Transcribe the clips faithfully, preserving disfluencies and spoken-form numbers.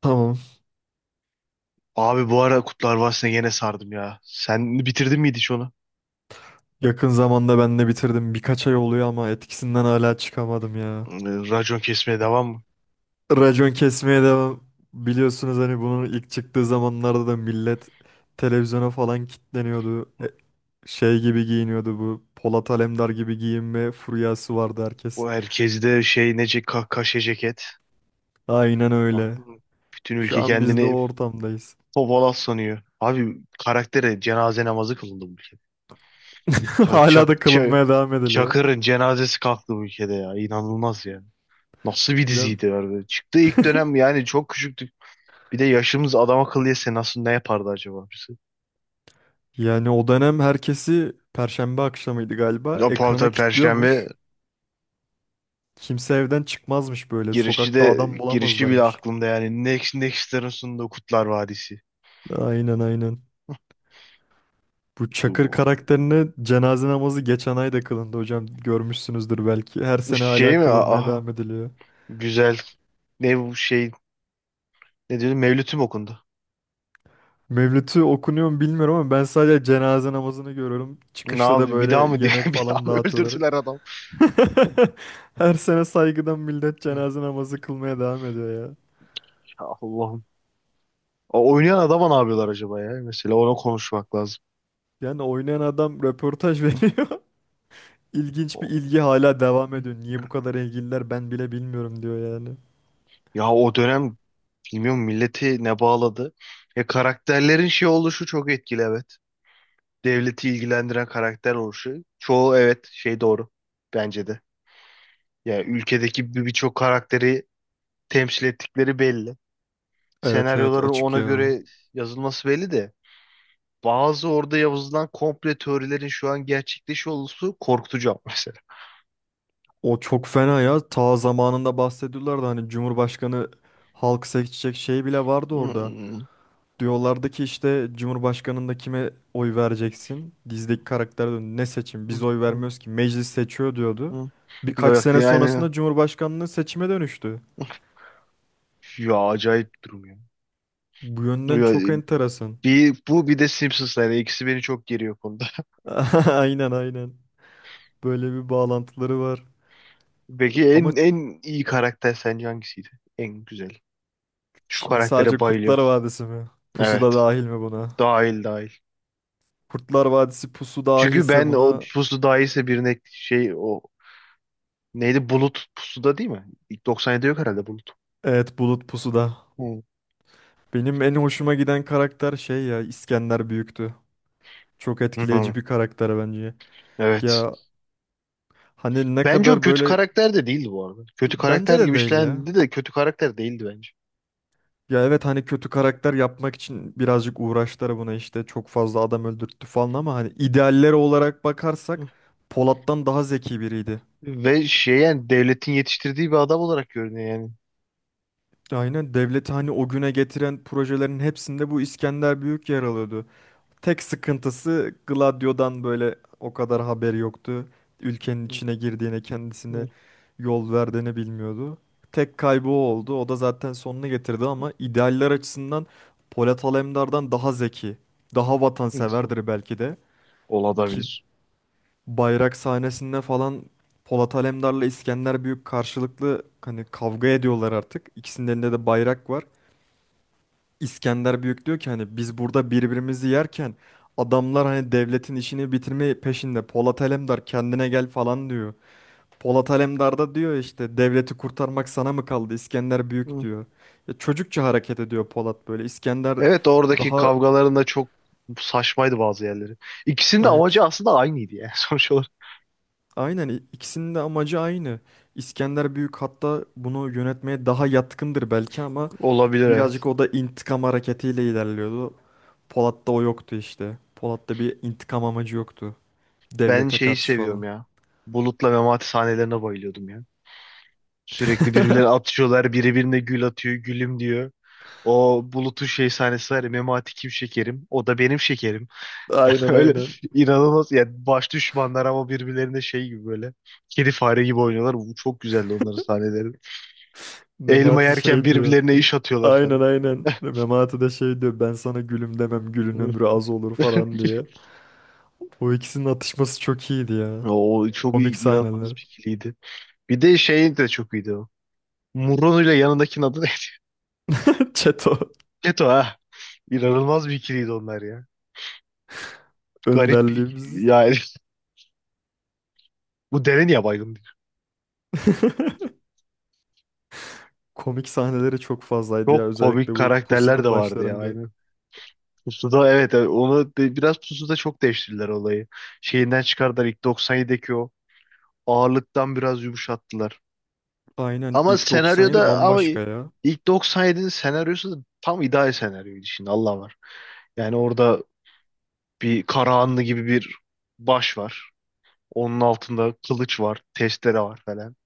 Tamam. Abi bu ara Kurtlar Vadisi'ne gene sardım ya. Sen bitirdin miydi hiç onu? Yakın zamanda ben de bitirdim. Birkaç ay oluyor ama etkisinden hala çıkamadım ya. Ee, Racon kesmeye devam mı? Racon kesmeye devam. Biliyorsunuz hani bunun ilk çıktığı zamanlarda da millet televizyona falan kilitleniyordu. E, Şey gibi giyiniyordu bu. Polat Alemdar gibi giyinme furyası vardı herkes. Bu herkes de şey nece ka kaşe ceket. Aynen Ah. öyle. Bütün Şu ülke an biz de o kendini ortamdayız. Topalaz sanıyor. Abi karaktere cenaze namazı kılındı bu ülkede. Çak, Hala çak, da ça- kılınmaya devam ediliyor. Çakır'ın cenazesi kalktı bu ülkede ya. İnanılmaz ya. Nasıl bir Hocam, diziydi abi. Çıktı ilk dönem yani çok küçüktük. Bir de yaşımız adam akıllı yese nasıl ne yapardı acaba? Birisi? yani o dönem herkesi Perşembe akşamıydı galiba. Ya Ekrana tabii Perşembe. kilitliyormuş. Kimse evden çıkmazmış böyle. Girişi Sokakta de adam Girişi bile bulamazlarmış. aklımda yani. Next Next'lerin sunduğu Kutlar Vadisi. Aynen aynen. Bu Bu, Çakır bu. karakterine cenaze namazı geçen ay da kılındı hocam. Görmüşsünüzdür belki. Her Bu sene şey hala mi? kılınmaya Aha. devam ediliyor. Güzel. Ne bu şey? Ne diyordu? Mevlüt'üm okundu. Mevlüt'ü okunuyor mu bilmiyorum ama ben sadece cenaze namazını görüyorum. Ne Çıkışta da yaptı? Bir daha mı böyle diye yemek bir daha falan mı dağıtıyorlar. öldürdüler adam? Her sene saygıdan millet Hı. cenaze namazı kılmaya devam ediyor ya. Ya Allah'ım. O oynayan adama ne yapıyorlar acaba ya? Mesela ona konuşmak lazım. Yani oynayan adam röportaj Hı, veriyor. İlginç bir o- ilgi hala devam hı, ediyor. Niye bu ya, kadar ilgililer ben bile bilmiyorum diyor yani. ya o dönem bilmiyorum milleti ne bağladı. Ya karakterlerin şey oluşu çok etkili, evet. Devleti ilgilendiren karakter oluşu. Çoğu evet şey doğru. Bence de. Yani ülkedeki bir- birçok karakteri temsil ettikleri belli. Evet evet, Senaryoların açık ona ya. göre yazılması belli de bazı orada yazılan komple teorilerin şu an gerçekleşiyor olması korkutucu ama mesela. O çok fena ya. Ta zamanında bahsediyorlardı hani Cumhurbaşkanı halk seçecek şey bile vardı orada. Hmm. Diyorlardı ki işte Cumhurbaşkanında kime oy vereceksin? Dizdeki karakter diyor, ne seçim Hmm. biz oy Hmm. vermiyoruz ki meclis seçiyor diyordu. Hmm. Bir Birkaç bak sene diye aynen. sonrasında Cumhurbaşkanlığı seçime dönüştü. Ya acayip bir durum ya. Bu yönden Ya, çok enteresan. bir, bu bir de Simpsons'lar. Yani ikisi beni çok geriyor bu konuda. Aynen aynen. Böyle bir bağlantıları var. Peki Ama en en iyi karakter sence hangisiydi? En güzel. Şu şimdi karaktere sadece Kurtlar bayılıyorum. Vadisi mi? Pusu da Evet. dahil mi buna? Dahil dahil. Kurtlar Vadisi pusu Çünkü dahilse ben o buna pusu daha iyiyse birine şey, o neydi, bulut pusuda değil mi? İlk doksan yedide yok herhalde bulut. evet Bulut pusuda. Hı. Benim en hoşuma giden karakter şey ya, İskender Büyük'tü. Çok etkileyici Hı, bir karakter bence. evet. Ya hani ne Bence o kadar kötü böyle, karakter de değildi bu arada. Kötü bence karakter de gibi değil ya. işlendi de kötü karakter değildi bence. Ya evet hani kötü karakter yapmak için birazcık uğraştılar buna işte çok fazla adam öldürttü falan ama hani idealleri olarak bakarsak Hı. Polat'tan daha zeki biriydi. Ve şey yani devletin yetiştirdiği bir adam olarak görünüyor yani. Aynen devleti hani o güne getiren projelerin hepsinde bu İskender Büyük yer alıyordu. Tek sıkıntısı Gladio'dan böyle o kadar haberi yoktu. Ülkenin Hı. içine girdiğini, Hı. kendisine yol verdiğini bilmiyordu. Tek kaybı o oldu. O da zaten sonunu getirdi ama idealler açısından Polat Alemdar'dan daha zeki, daha Hı. vatanseverdir belki de. Ki Olabilir. bayrak sahnesinde falan Polat Alemdar'la İskender Büyük karşılıklı hani kavga ediyorlar artık. İkisinin elinde de bayrak var. İskender Büyük diyor ki hani biz burada birbirimizi yerken adamlar hani devletin işini bitirme peşinde. Polat Alemdar kendine gel falan diyor. Polat Alemdar da diyor işte devleti kurtarmak sana mı kaldı İskender Büyük Hı. diyor. Ya çocukça hareket ediyor Polat böyle. İskender Evet, oradaki daha kavgaların da çok saçmaydı bazı yerleri. İkisinin de amacı evet aslında aynıydı yani sonuç olarak. aynen i- ikisinin de amacı aynı. İskender Büyük hatta bunu yönetmeye daha yatkındır belki ama Olabilir, evet. birazcık o da intikam hareketiyle ilerliyordu. Polat'ta o yoktu işte. Polat'ta bir intikam amacı yoktu. Ben Devlete şeyi karşı seviyorum falan. ya. Bulut'la Memati sahnelerine bayılıyordum ya. Sürekli birbirlerine atışıyorlar. Biri birine gül atıyor. Gülüm diyor. O Bulut'un şey sahnesi var ya. Memati kim şekerim? O da benim şekerim. Aynen Öyle aynen. inanılmaz. Yani baş düşmanlar ama birbirlerine şey gibi böyle. Kedi fare gibi oynuyorlar. Bu çok güzeldi onların sahneleri. Elma Memati yerken şey diyor birbirlerine hatta. iş atıyorlar Aynen falan. aynen. Memati de şey diyor ben sana gülüm demem gülün ömrü az olur falan diye. O ikisinin atışması çok iyiydi ya. O çok Komik iyi- inanılmaz sahneler. bir ikiliydi. Bir de şey de çok iyiydi o. Muronu ile yanındakinin adı ne? Çeto Keto, ha. İnanılmaz bir ikiliydi onlar ya. Garip bir, önderliğimiz. yani bu deve niye baygın? Komik sahneleri çok fazlaydı ya, Çok özellikle komik bu karakterler de pusunun vardı ya, başlarında. aynen. Pusuda evet, evet, onu de- biraz Pusuda çok değiştirdiler olayı. Şeyinden çıkardılar ilk doksan yedideki o ağırlıktan biraz yumuşattılar. Aynen Ama ilk doksan yedi senaryoda ama bambaşka ya. ilk doksan yedinin senaryosu da tam ideal senaryoydu şimdi Allah var. Yani orada bir Karahanlı gibi bir baş var. Onun altında kılıç var, testere var falan.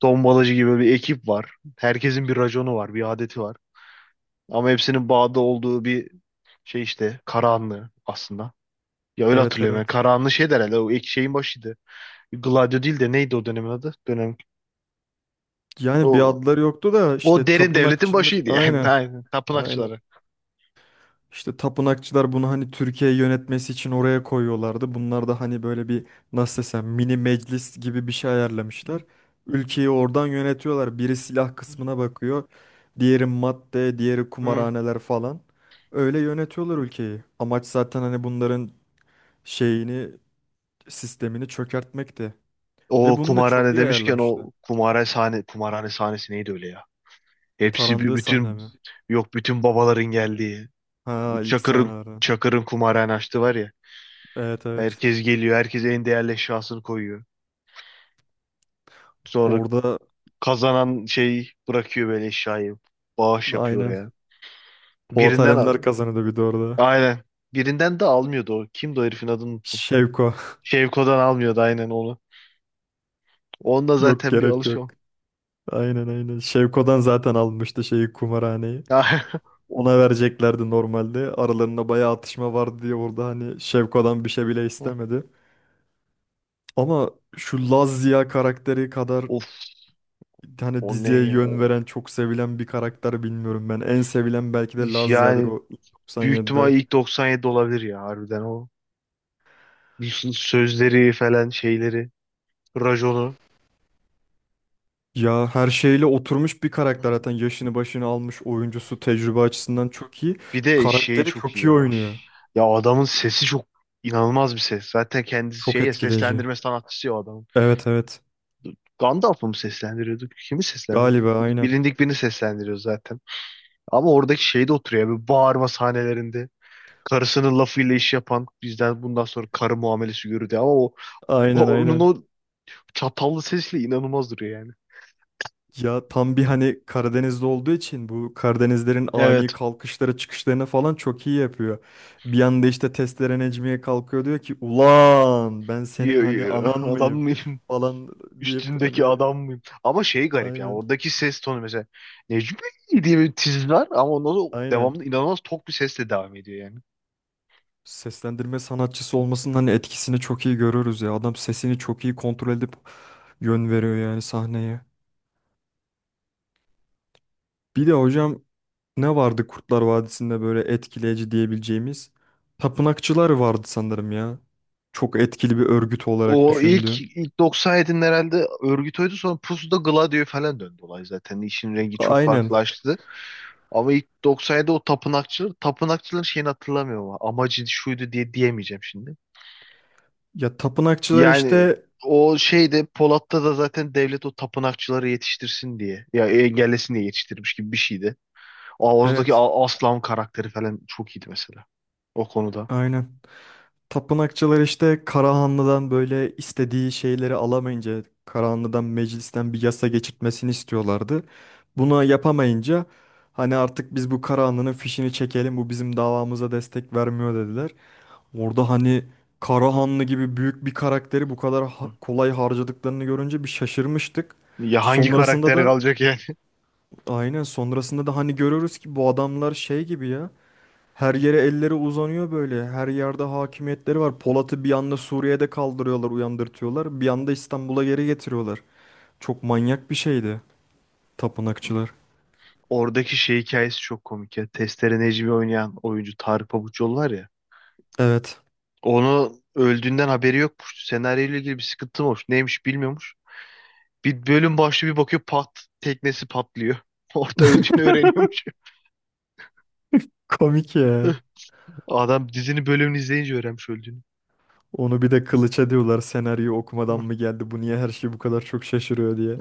Tombalacı gibi bir ekip var. Herkesin bir raconu var, bir adeti var. Ama hepsinin bağda olduğu bir şey işte Karahanlı aslında. Ya öyle Evet hatırlıyorum. Yani evet. Karahanlı şey der herhalde, o ek şeyin başıydı. Gladio değil de neydi o dönemin adı? Dönem. Yani bir O, adları yoktu da o işte derin devletin tapınakçılar başıydı yani. aynen. Aynen. Aynen. Tapınakçıları. İşte tapınakçılar bunu hani Türkiye'yi yönetmesi için oraya koyuyorlardı. Bunlar da hani böyle bir, nasıl desem mini meclis gibi bir şey ayarlamışlar. Ülkeyi oradan yönetiyorlar. Biri silah kısmına bakıyor. Diğeri madde, diğeri Hı. kumarhaneler falan. Öyle yönetiyorlar ülkeyi. Amaç zaten hani bunların şeyini, sistemini çökertmekti. Ve O bunu da çok kumarhane iyi demişken ayarlamışlar. o kumarhane sahne kumarhane sahnesi neydi öyle ya? Hepsi bir- Tarandığı sahne bütün mi? Yok, bütün babaların geldiği. Ha ilk Çakır'ın sahnelerden. Çakır'ın kumarhane açtı var ya. Evet evet. Herkes geliyor. Herkes en değerli eşyasını koyuyor. Sonra Orada kazanan şey bırakıyor böyle eşyayı. Bağış yapıyor aynen oraya. Polat Birinden al- Alemdar kazanıyordu bir de orada. aynen. Birinden de almıyordu o. Kimdi o, herifin adını unuttum. Şevko. Şevko'dan almıyordu aynen onu. Onda Yok zaten bir gerek yok. alışıyor. Aynen aynen. Şevko'dan zaten almıştı şeyi kumarhaneyi. Ona vereceklerdi normalde. Aralarında bayağı atışma vardı diye orada hani Şevko'dan bir şey bile istemedi. Ama şu Laz Ziya karakteri kadar Of, hani o ne diziye ya. yön veren çok sevilen bir karakter bilmiyorum ben. En sevilen belki de Laz Ziya'dır Yani o büyük ihtimal doksan yedide. ilk doksan yedi olabilir ya harbiden o. Bir sürü sözleri falan, şeyleri. Raconu. Ya her şeyle oturmuş bir karakter, zaten yaşını başını almış oyuncusu tecrübe açısından çok iyi. Bir de şeyi Karakteri çok çok iyi iyi ya. oynuyor. Ya adamın sesi çok, inanılmaz bir ses. Zaten kendisi Çok şey ya, etkileyici. seslendirme sanatçısı ya o adamın. Evet evet. Gandalf'ı mı seslendiriyordu? Kimi seslendiriyordu? Çok Galiba aynen. bilindik birini seslendiriyor zaten. Ama oradaki şey de oturuyor ya, bir bağırma sahnelerinde. Karısının lafıyla iş yapan bizden bundan sonra karı muamelesi görürdü ama o o- Aynen onun aynen. o çatallı sesiyle inanılmaz duruyor yani. Ya tam bir hani Karadeniz'de olduğu için bu Karadenizlerin ani Evet. kalkışlara çıkışlarına falan çok iyi yapıyor. Bir anda işte testere Necmiye kalkıyor diyor ki ulan ben senin Yo, hani yo, anan mıyım adam falan deyip hani, üstündeki adam mıyım? Ama şey garip yani aynen oradaki ses tonu mesela Necmi diye bir tiz var ama ondan sonra aynen. devamlı inanılmaz tok bir sesle devam ediyor yani. Seslendirme sanatçısı olmasının hani etkisini çok iyi görürüz ya. Adam sesini çok iyi kontrol edip yön veriyor yani sahneye. Bir de hocam ne vardı Kurtlar Vadisi'nde böyle etkileyici diyebileceğimiz? Tapınakçılar vardı sanırım ya. Çok etkili bir örgüt olarak O ilk düşündüğüm. ilk doksan yedinin herhalde örgüt oydu, sonra Pusu'da Gladio'ya falan döndü olay zaten. İşin rengi çok Aynen. farklılaştı. Ama ilk doksan yedide o tapınakçılar, tapınakçıların şeyini hatırlamıyorum ama amacı şuydu diye diyemeyeceğim şimdi. Ya tapınakçılar Yani işte o şeyde Polat'ta da zaten devlet o tapınakçıları yetiştirsin diye ya engellesin diye yetiştirmiş gibi bir şeydi. Oğuz'daki evet A- Aslan karakteri falan çok iyiydi mesela. O konuda. aynen. Tapınakçılar işte Karahanlı'dan böyle istediği şeyleri alamayınca Karahanlı'dan meclisten bir yasa geçirtmesini istiyorlardı. Buna yapamayınca hani artık biz bu Karahanlı'nın fişini çekelim bu bizim davamıza destek vermiyor dediler. Orada hani Karahanlı gibi büyük bir karakteri bu kadar ha- kolay harcadıklarını görünce bir şaşırmıştık. Ya hangi Sonrasında karakter da kalacak yani? aynen, sonrasında da hani görüyoruz ki bu adamlar şey gibi ya. Her yere elleri uzanıyor böyle. Her yerde hakimiyetleri var. Polat'ı bir anda Suriye'de kaldırıyorlar, uyandırtıyorlar. Bir anda İstanbul'a geri getiriyorlar. Çok manyak bir şeydi tapınakçılar. Oradaki şey hikayesi çok komik ya. Testere Necmi oynayan oyuncu Tarık Pabuçoğlu var ya. Evet. Onu öldüğünden haberi yokmuş. Senaryo ile ilgili bir sıkıntı mı olmuş? Neymiş bilmiyormuş. Bir bölüm başlıyor bir bakıyor pat teknesi patlıyor. Orada öldüğünü öğreniyormuş. Komik ya. Adam dizinin bölümünü izleyince öğrenmiş öldüğünü. Onu bir de kılıç ediyorlar senaryo okumadan mı geldi bu niye her şey bu kadar çok şaşırıyor diye.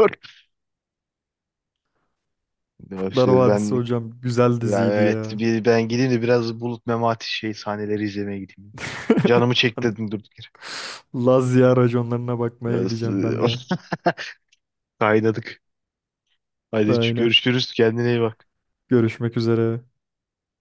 Doğru. Ya Kurtlar İşte Vadisi ben. hocam güzel Ya diziydi evet, ya. bir ben gideyim de biraz Bulut Memati şey sahneleri izlemeye gideyim. Canımı Ben çektirdim durduk yere. Lazia raconlarına bakmaya Biraz, e, gideceğim ben de. Kaynadık. Hadi Aynen. görüşürüz. Kendine iyi bak. Görüşmek üzere.